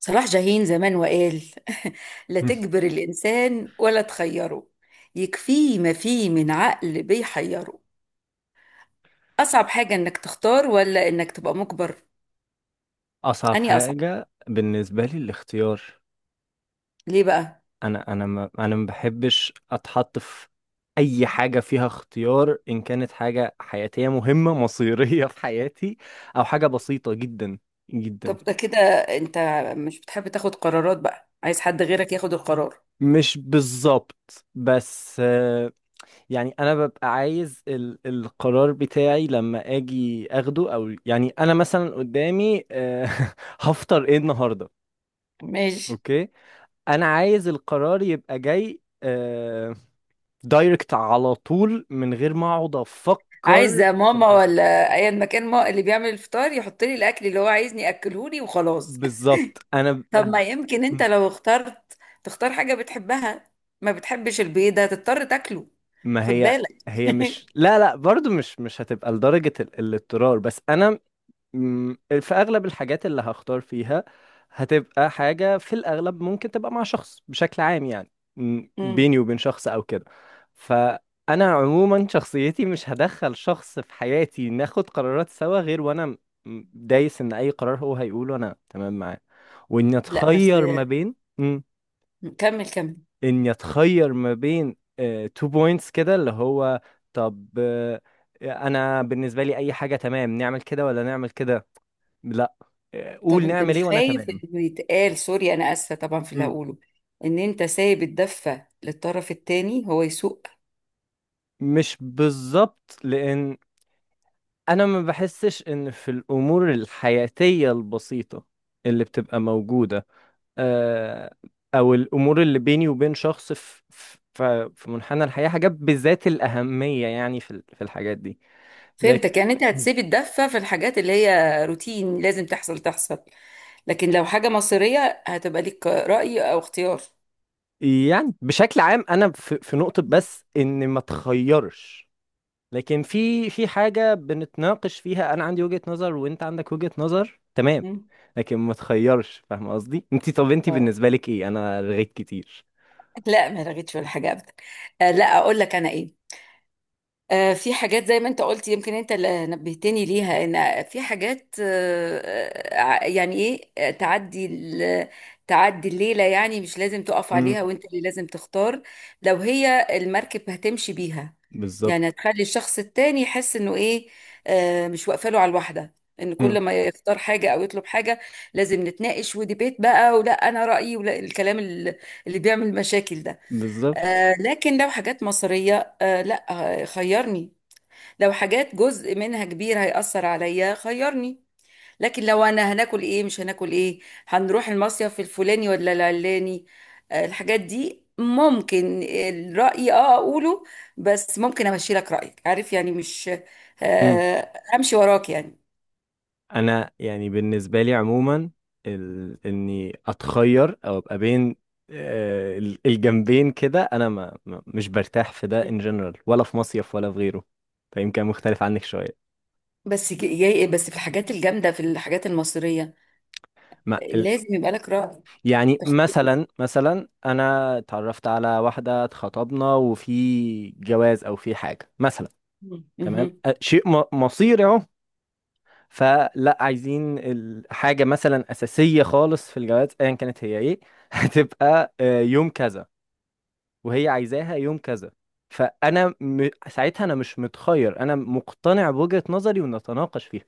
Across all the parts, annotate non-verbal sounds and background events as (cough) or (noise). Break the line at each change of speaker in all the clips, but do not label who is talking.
صلاح جاهين زمان وقال (laughs) لا
(laughs)
تجبر الإنسان ولا تخيره، يكفيه ما فيه من عقل بيحيره. أصعب حاجة إنك تختار ولا إنك تبقى مجبر.
اصعب
أني أصعب؟
حاجه بالنسبه لي الاختيار.
ليه بقى؟
انا ما بحبش اتحط في اي حاجه فيها اختيار، ان كانت حاجه حياتيه مهمه (laughs) مصيريه في حياتي او حاجه بسيطه جدا
طب
جدا.
ده كده أنت مش بتحب تاخد قرارات، بقى عايز حد غيرك ياخد القرار؟
مش بالظبط، بس يعني انا ببقى عايز القرار بتاعي لما اجي اخده، او يعني انا مثلا قدامي (laughs) هفطر ايه النهارده؟
ماشي.
اوكي، انا عايز القرار يبقى جاي دايركت على طول من غير ما اقعد
عايز
افكر في
ماما
الحساب.
ولا أيا مكان، ما اللي بيعمل الفطار يحط لي الأكل اللي هو عايزني أكلهولي وخلاص.
بالظبط انا
طب ما يمكن
ب-
انت لو اخترت تختار حاجة بتحبها؟ ما بتحبش البيض ده تضطر تاكله.
ما
خد
هي
بالك.
هي مش،
(laughs)
لا لا برضو، مش هتبقى لدرجة الاضطرار، بس انا في اغلب الحاجات اللي هختار فيها هتبقى حاجة في الاغلب، ممكن تبقى مع شخص بشكل عام، يعني
مم.
بيني وبين شخص او كده. فانا عموما شخصيتي مش هدخل شخص في حياتي ناخد قرارات سوا غير وانا دايس ان اي قرار هو هيقوله انا تمام معاه، واني
لا بس،
اتخير ما بين
كمل كمل.
اني اتخير ما بين تو بوينتس كده، اللي هو طب انا بالنسبة لي اي حاجة تمام، نعمل كده ولا نعمل كده، لا،
طب
قول
انت
نعمل ايه
مش
وانا
خايف
تمام.
انه يتقال، سوري، انا اسفة طبعا في اللي
مم.
هقوله، ان انت سايب الدفة للطرف التاني هو يسوق؟
مش بالظبط، لان انا ما بحسش ان في الامور الحياتيه البسيطه اللي بتبقى موجوده، آه، او الامور اللي بيني وبين شخص، في منحنى الحياه حاجات بذات الاهميه، يعني في الحاجات دي، لكن.
فهمتك، يعني انت
مم.
هتسيب الدفة في الحاجات اللي هي روتين لازم تحصل تحصل. لكن لو حاجة مصيرية هتبقى ليك رأي او اختيار.
يعني بشكل عام انا في نقطه، بس ان ما تخيرش، لكن في حاجة بنتناقش فيها، انا عندي وجهة نظر وانت عندك وجهة نظر، تمام،
مم.
لكن ما تخيرش. فاهم قصدي؟ انت طب انت
اه،
بالنسبة لك ايه؟ انا رغيت كتير.
لا ما رغيتش ولا حاجه ابدا. آه لا، اقول لك انا ايه. في حاجات زي ما انت قلت، يمكن انت اللي نبهتني ليها، ان في حاجات يعني ايه، تعدي تعدي الليله، يعني مش لازم تقف
امم.
عليها وانت اللي لازم تختار. لو هي المركب هتمشي بيها،
بالظبط.
يعني هتخلي الشخص التاني يحس انه ايه، مش واقفه له على الواحده. ان
امم.
كل ما يختار حاجه او يطلب حاجه لازم نتناقش وديبيت بقى، ولا انا رايي، ولا الكلام اللي بيعمل مشاكل ده.
بالظبط.
لكن لو حاجات مصرية آه لا. خيرني. لو حاجات جزء منها كبير هيأثر عليا خيرني. لكن لو انا هناكل ايه مش هناكل ايه، هنروح المصيف الفلاني ولا العلاني، الحاجات دي ممكن الرأي اقوله، بس ممكن امشي لك رأيك، عارف يعني، مش
امم.
امشي وراك يعني.
انا يعني بالنسبه لي عموما، اني اتخير او ابقى بين الجنبين كده، انا ما... ما مش برتاح في ده، ان جنرال ولا في مصيف ولا في غيره، فيمكن مختلف عنك شويه.
بس جاي بس في الحاجات الجامدة، في الحاجات المصرية
مع
لازم يبقى لك رأي.
يعني مثلا انا اتعرفت على واحده، اتخطبنا، وفي جواز او في حاجه مثلا، تمام،
تختار.
شيء مصيري اهو، فلا عايزين الحاجه مثلا اساسيه خالص في الجواز، ايا كانت هي ايه، (laughs) هتبقى يوم كذا وهي عايزاها يوم كذا، فانا ساعتها انا مش متخير، انا مقتنع بوجهه نظري ونتناقش فيها،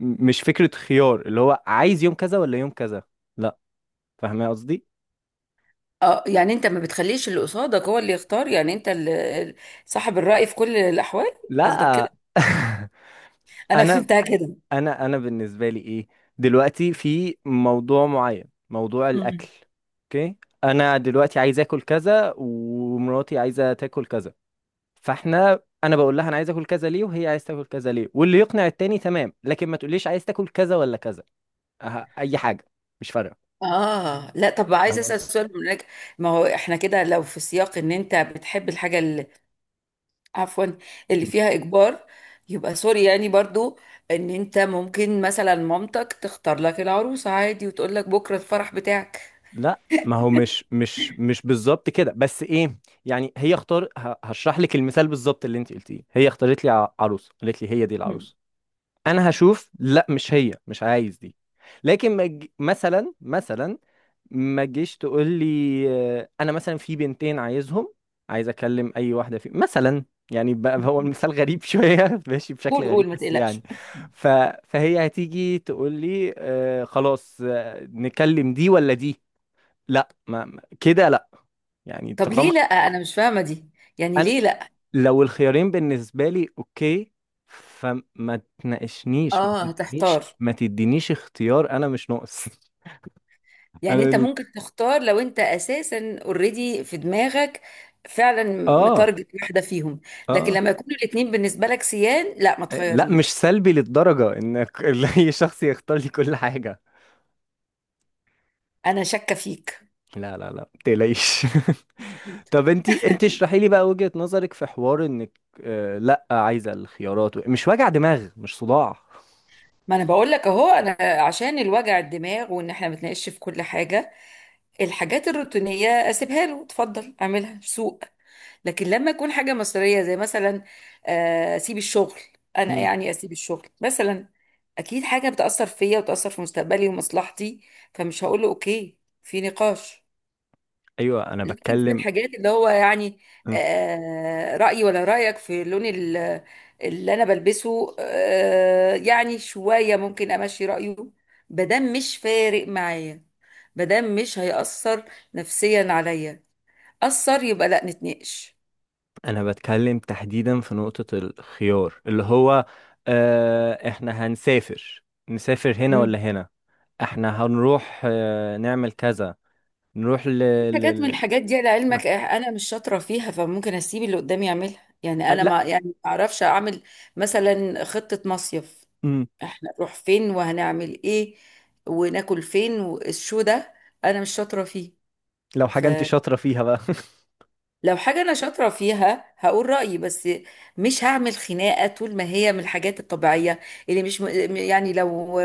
مش فكره خيار اللي هو عايز يوم كذا ولا يوم كذا، لا. فاهمه قصدي؟
اه يعني انت ما بتخليش اللي قصادك هو اللي يختار، يعني انت اللي صاحب الرأي في كل الأحوال، قصدك
لا.
كده؟
(laughs)
انا
انا
فهمتها كده.
انا بالنسبه لي ايه، دلوقتي في موضوع معين، موضوع
مم.
الاكل، اوكي، انا دلوقتي عايز اكل كذا ومراتي عايزه تاكل كذا، انا بقول لها انا عايز اكل كذا ليه وهي عايز تاكل كذا ليه واللي يقنع التاني تمام، لكن ما تقوليش عايز تاكل كذا ولا كذا، أه اي حاجه، مش فارقه.
اه لا، طب عايزه
فاهم
اسال
قصدي؟
سؤال من هناك. ما هو احنا كده، لو في سياق ان انت بتحب الحاجه اللي، عفوا، اللي
مم.
فيها اجبار، يبقى سوري يعني برضو، ان انت ممكن مثلا مامتك تختار لك العروسه عادي وتقول لك بكره الفرح بتاعك.
لا ما هو مش بالظبط كده، بس ايه، يعني هي هشرح لك المثال بالظبط اللي انت قلتيه، هي اختارت لي عروسه، قالت لي هي دي
مم.
العروسه، انا هشوف، لا مش هي، مش عايز دي، لكن ما تج- مثلا ما تجيش تقول لي انا مثلا في بنتين عايزهم، عايز اكلم اي واحده فيهم مثلا. يعني بقى هو المثال غريب شويه، (laughs) ماشي بشكل
قول
غريب
قول، ما
بس يعني،
تقلقش.
ف... فهي هتيجي تقول لي خلاص نكلم دي ولا دي، لا كده لا، يعني
طب ليه
طالما،
لا؟ انا مش فاهمه دي، يعني
أنا-
ليه لا؟
لو الخيارين بالنسبة لي اوكي، فما تناقشنيش، ما
اه
تدينيش
هتحتار،
ما تدينيش اختيار، انا مش ناقص. (laughs)
يعني
انا
انت
بن-
ممكن تختار لو انت اساسا اوريدي في دماغك، فعلا
اه.
متارجت واحده فيهم. لكن
اه.
لما يكونوا الاتنين بالنسبه لك سيان، لا ما
إيه، لا
تخيرنيش.
مش سلبي للدرجة انك (laughs) اي شخص يختار لي كل حاجة.
انا شاكه فيك.
لا لا لا، متقلقيش. (laughs) طب انتي
(laughs)
اشرحي لي بقى وجهة نظرك في حوار انك، لا عايزة الخيارات، مش وجع دماغ، مش صداع.
ما انا بقول لك اهو، انا عشان الوجع الدماغ وان احنا بنتناقش في كل حاجه، الحاجات الروتينية اسيبها له، اتفضل اعملها سوق. لكن لما يكون حاجة مصرية زي مثلا اسيب الشغل، انا
أمم،
يعني اسيب الشغل مثلا، اكيد حاجة بتأثر فيا وتأثر في مستقبلي ومصلحتي، فمش هقول له اوكي في نقاش.
ايوه، انا
يمكن في
بتكلم
الحاجات اللي هو يعني رأيي ولا رأيك في اللون اللي أنا بلبسه، يعني شوية ممكن أمشي رأيه، مادام مش فارق معايا، مادام مش هيأثر نفسيا عليا. أثر يبقى لا، نتناقش.
انا بتكلم تحديدا في نقطة الخيار، اللي هو احنا هنسافر، نسافر هنا ولا
مم.
هنا، احنا هنروح نعمل كذا، نروح ل...
حاجات من
لل...
الحاجات دي لعلمك أنا مش شاطرة فيها، فممكن أسيب اللي قدامي يعملها، يعني
آه
أنا
لا.
ما، يعني ما أعرفش أعمل. مثلا خطة مصيف،
مم.
احنا نروح فين وهنعمل ايه وناكل فين والشو ده، انا مش شاطره فيه.
لو حاجة انت
فلو
شاطرة فيها بقى. (laughs)
حاجه انا شاطره فيها هقول رايي، بس مش هعمل خناقه طول ما هي من الحاجات الطبيعيه اللي مش، يعني لو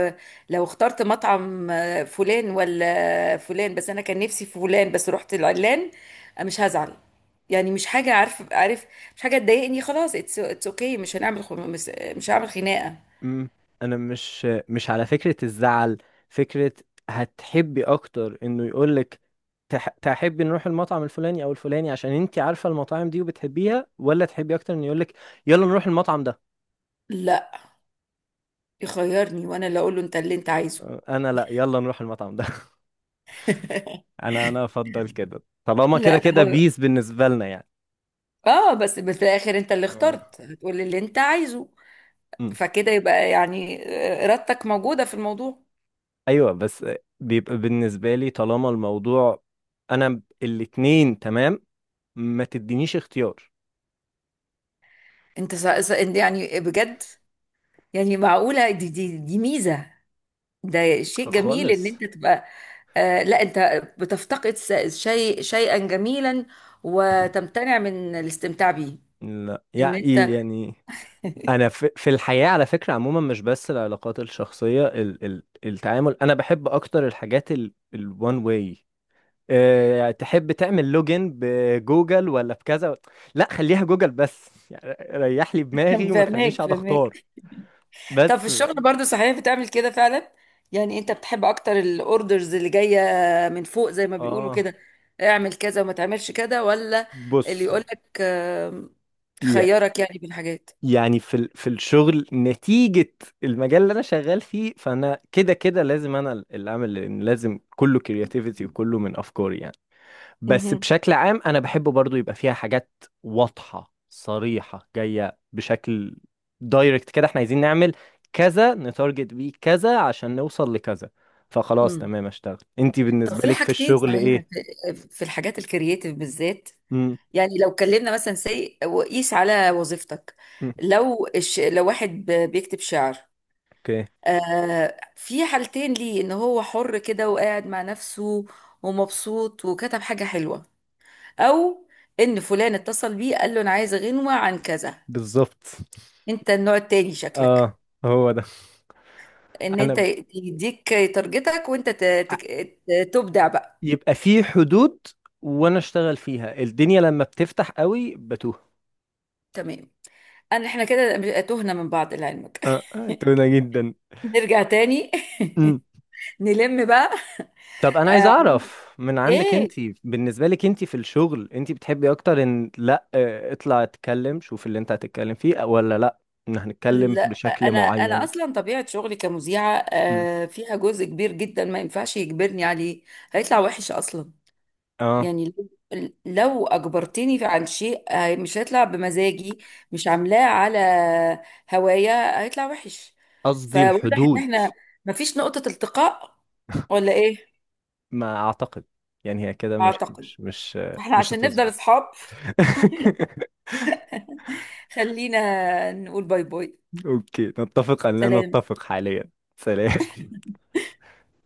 لو اخترت مطعم فلان ولا فلان، بس انا كان نفسي في فلان بس رحت العلان، مش هزعل. يعني مش حاجه، عارف، مش حاجه تضايقني. خلاص، اتس اوكي، مش هنعمل خ- مش هعمل خناقه.
مم. انا مش على فكرة الزعل، فكرة، هتحبي اكتر انه يقولك تحبي نروح المطعم الفلاني او الفلاني عشان انت عارفة المطاعم دي وبتحبيها، ولا تحبي اكتر انه يقولك يلا نروح المطعم ده؟
لا، يخيرني وانا اللي اقول له انت اللي انت عايزه.
انا لا، يلا نروح المطعم ده، انا افضل كده طالما كده
لا
كده
هو،
بيس بالنسبه لنا يعني.
اه بس في الاخر انت اللي
آه.
اخترت هتقول اللي انت عايزه،
مم.
فكده يبقى يعني ارادتك موجودة في الموضوع.
ايوه بس، بيبقى بالنسبه لي طالما الموضوع انا الاتنين تمام، ما تدينيش اختيار
إنت يعني بجد، يعني معقولة دي ميزة؟ ده شيء جميل ان
خالص.
انت تبقى، آه لا انت بتفتقد س- شيء شيئا جميلا، وتمتنع من الاستمتاع بيه،
لا،
ان انت.
يعني انا في الحياه على فكره عموما، مش بس العلاقات الشخصيه، ال ال التعامل، انا بحب اكتر الحاجات ال ال one way. تحب تعمل لوجن بجوجل ولا بكذا؟ لا، خليها جوجل بس، يعني ريح لي
(laughs)
دماغي وما تخلينيش
فهماك
اقعد اختار.
فهماك. طب في
بس.
الشغل برضو صحيح بتعمل كده فعلا؟ يعني انت بتحب اكتر الاوردرز اللي جايه من فوق زي ما بيقولوا
اه.
كده، اعمل كذا وما تعملش كده، ولا اللي
بصي،
يقولك
يا-
خيرك يعني بين حاجات؟
يعني في الشغل، نتيجة المجال اللي انا شغال فيه، فانا كده كده لازم انا اللي اعمل، لأن لازم كله كرياتيفيتي وكله من افكاري يعني. بس
مهم.
بشكل عام انا بحب برضو يبقى فيها حاجات واضحة صريحة، جاية بشكل دايركت كده، احنا عايزين نعمل كذا، نتارجت بيه كذا عشان نوصل لكذا، فخلاص
امم
تمام اشتغل. انتي
طب
بالنسبة
في
لك في
حاجتين
الشغل
صحيح،
ايه؟
في الحاجات الكرييتيف بالذات،
امم.
يعني لو اتكلمنا مثلا سي وقيس على وظيفتك. لو واحد بيكتب شعر
اوكي.
في حالتين ليه، ان هو حر كده وقاعد مع نفسه ومبسوط وكتب حاجة حلوة، او ان فلان اتصل بيه قال له انا عايز غنوة عن كذا.
بالظبط.
انت النوع التاني شكلك،
اه، هو ده.
ان
انا
انت
ب-
يديك تارجتك وانت
أ-
تبدع بقى.
يبقى في حدود وانا اشتغل فيها، الدنيا لما بتفتح قوي بتوه.
تمام. انا، احنا كده تهنا من بعض لعلمك. (laughs)
اه تونه جدا.
نرجع تاني. (laughs) نلم بقى.
طب انا عايز
آه،
اعرف من عندك انت،
ايه؟
بالنسبه لك انت في الشغل، انت بتحبي اكتر ان لا اطلع اتكلم شوف اللي انت هتتكلم فيه، ولا لا، ان هنتكلم
لا،
بشكل
انا
معين؟
اصلا طبيعه شغلي كمذيعه،
مم.
فيها جزء كبير جدا ما ينفعش يجبرني عليه، هيطلع وحش اصلا.
اه.
يعني لو اجبرتني عن شيء، مش هيطلع بمزاجي، مش عاملاه على هوايا، هيطلع وحش.
قصدي
فواضح ان
الحدود.
احنا مفيش نقطه التقاء، ولا ايه؟
ما اعتقد، يعني هي كده
اعتقد. فاحنا
مش
عشان نفضل
هتظبط.
اصحاب، (laughs)
(laughs)
خلينا نقول باي باي.
اوكي، نتفق ان لا
سلام.
نتفق حاليا. سلام.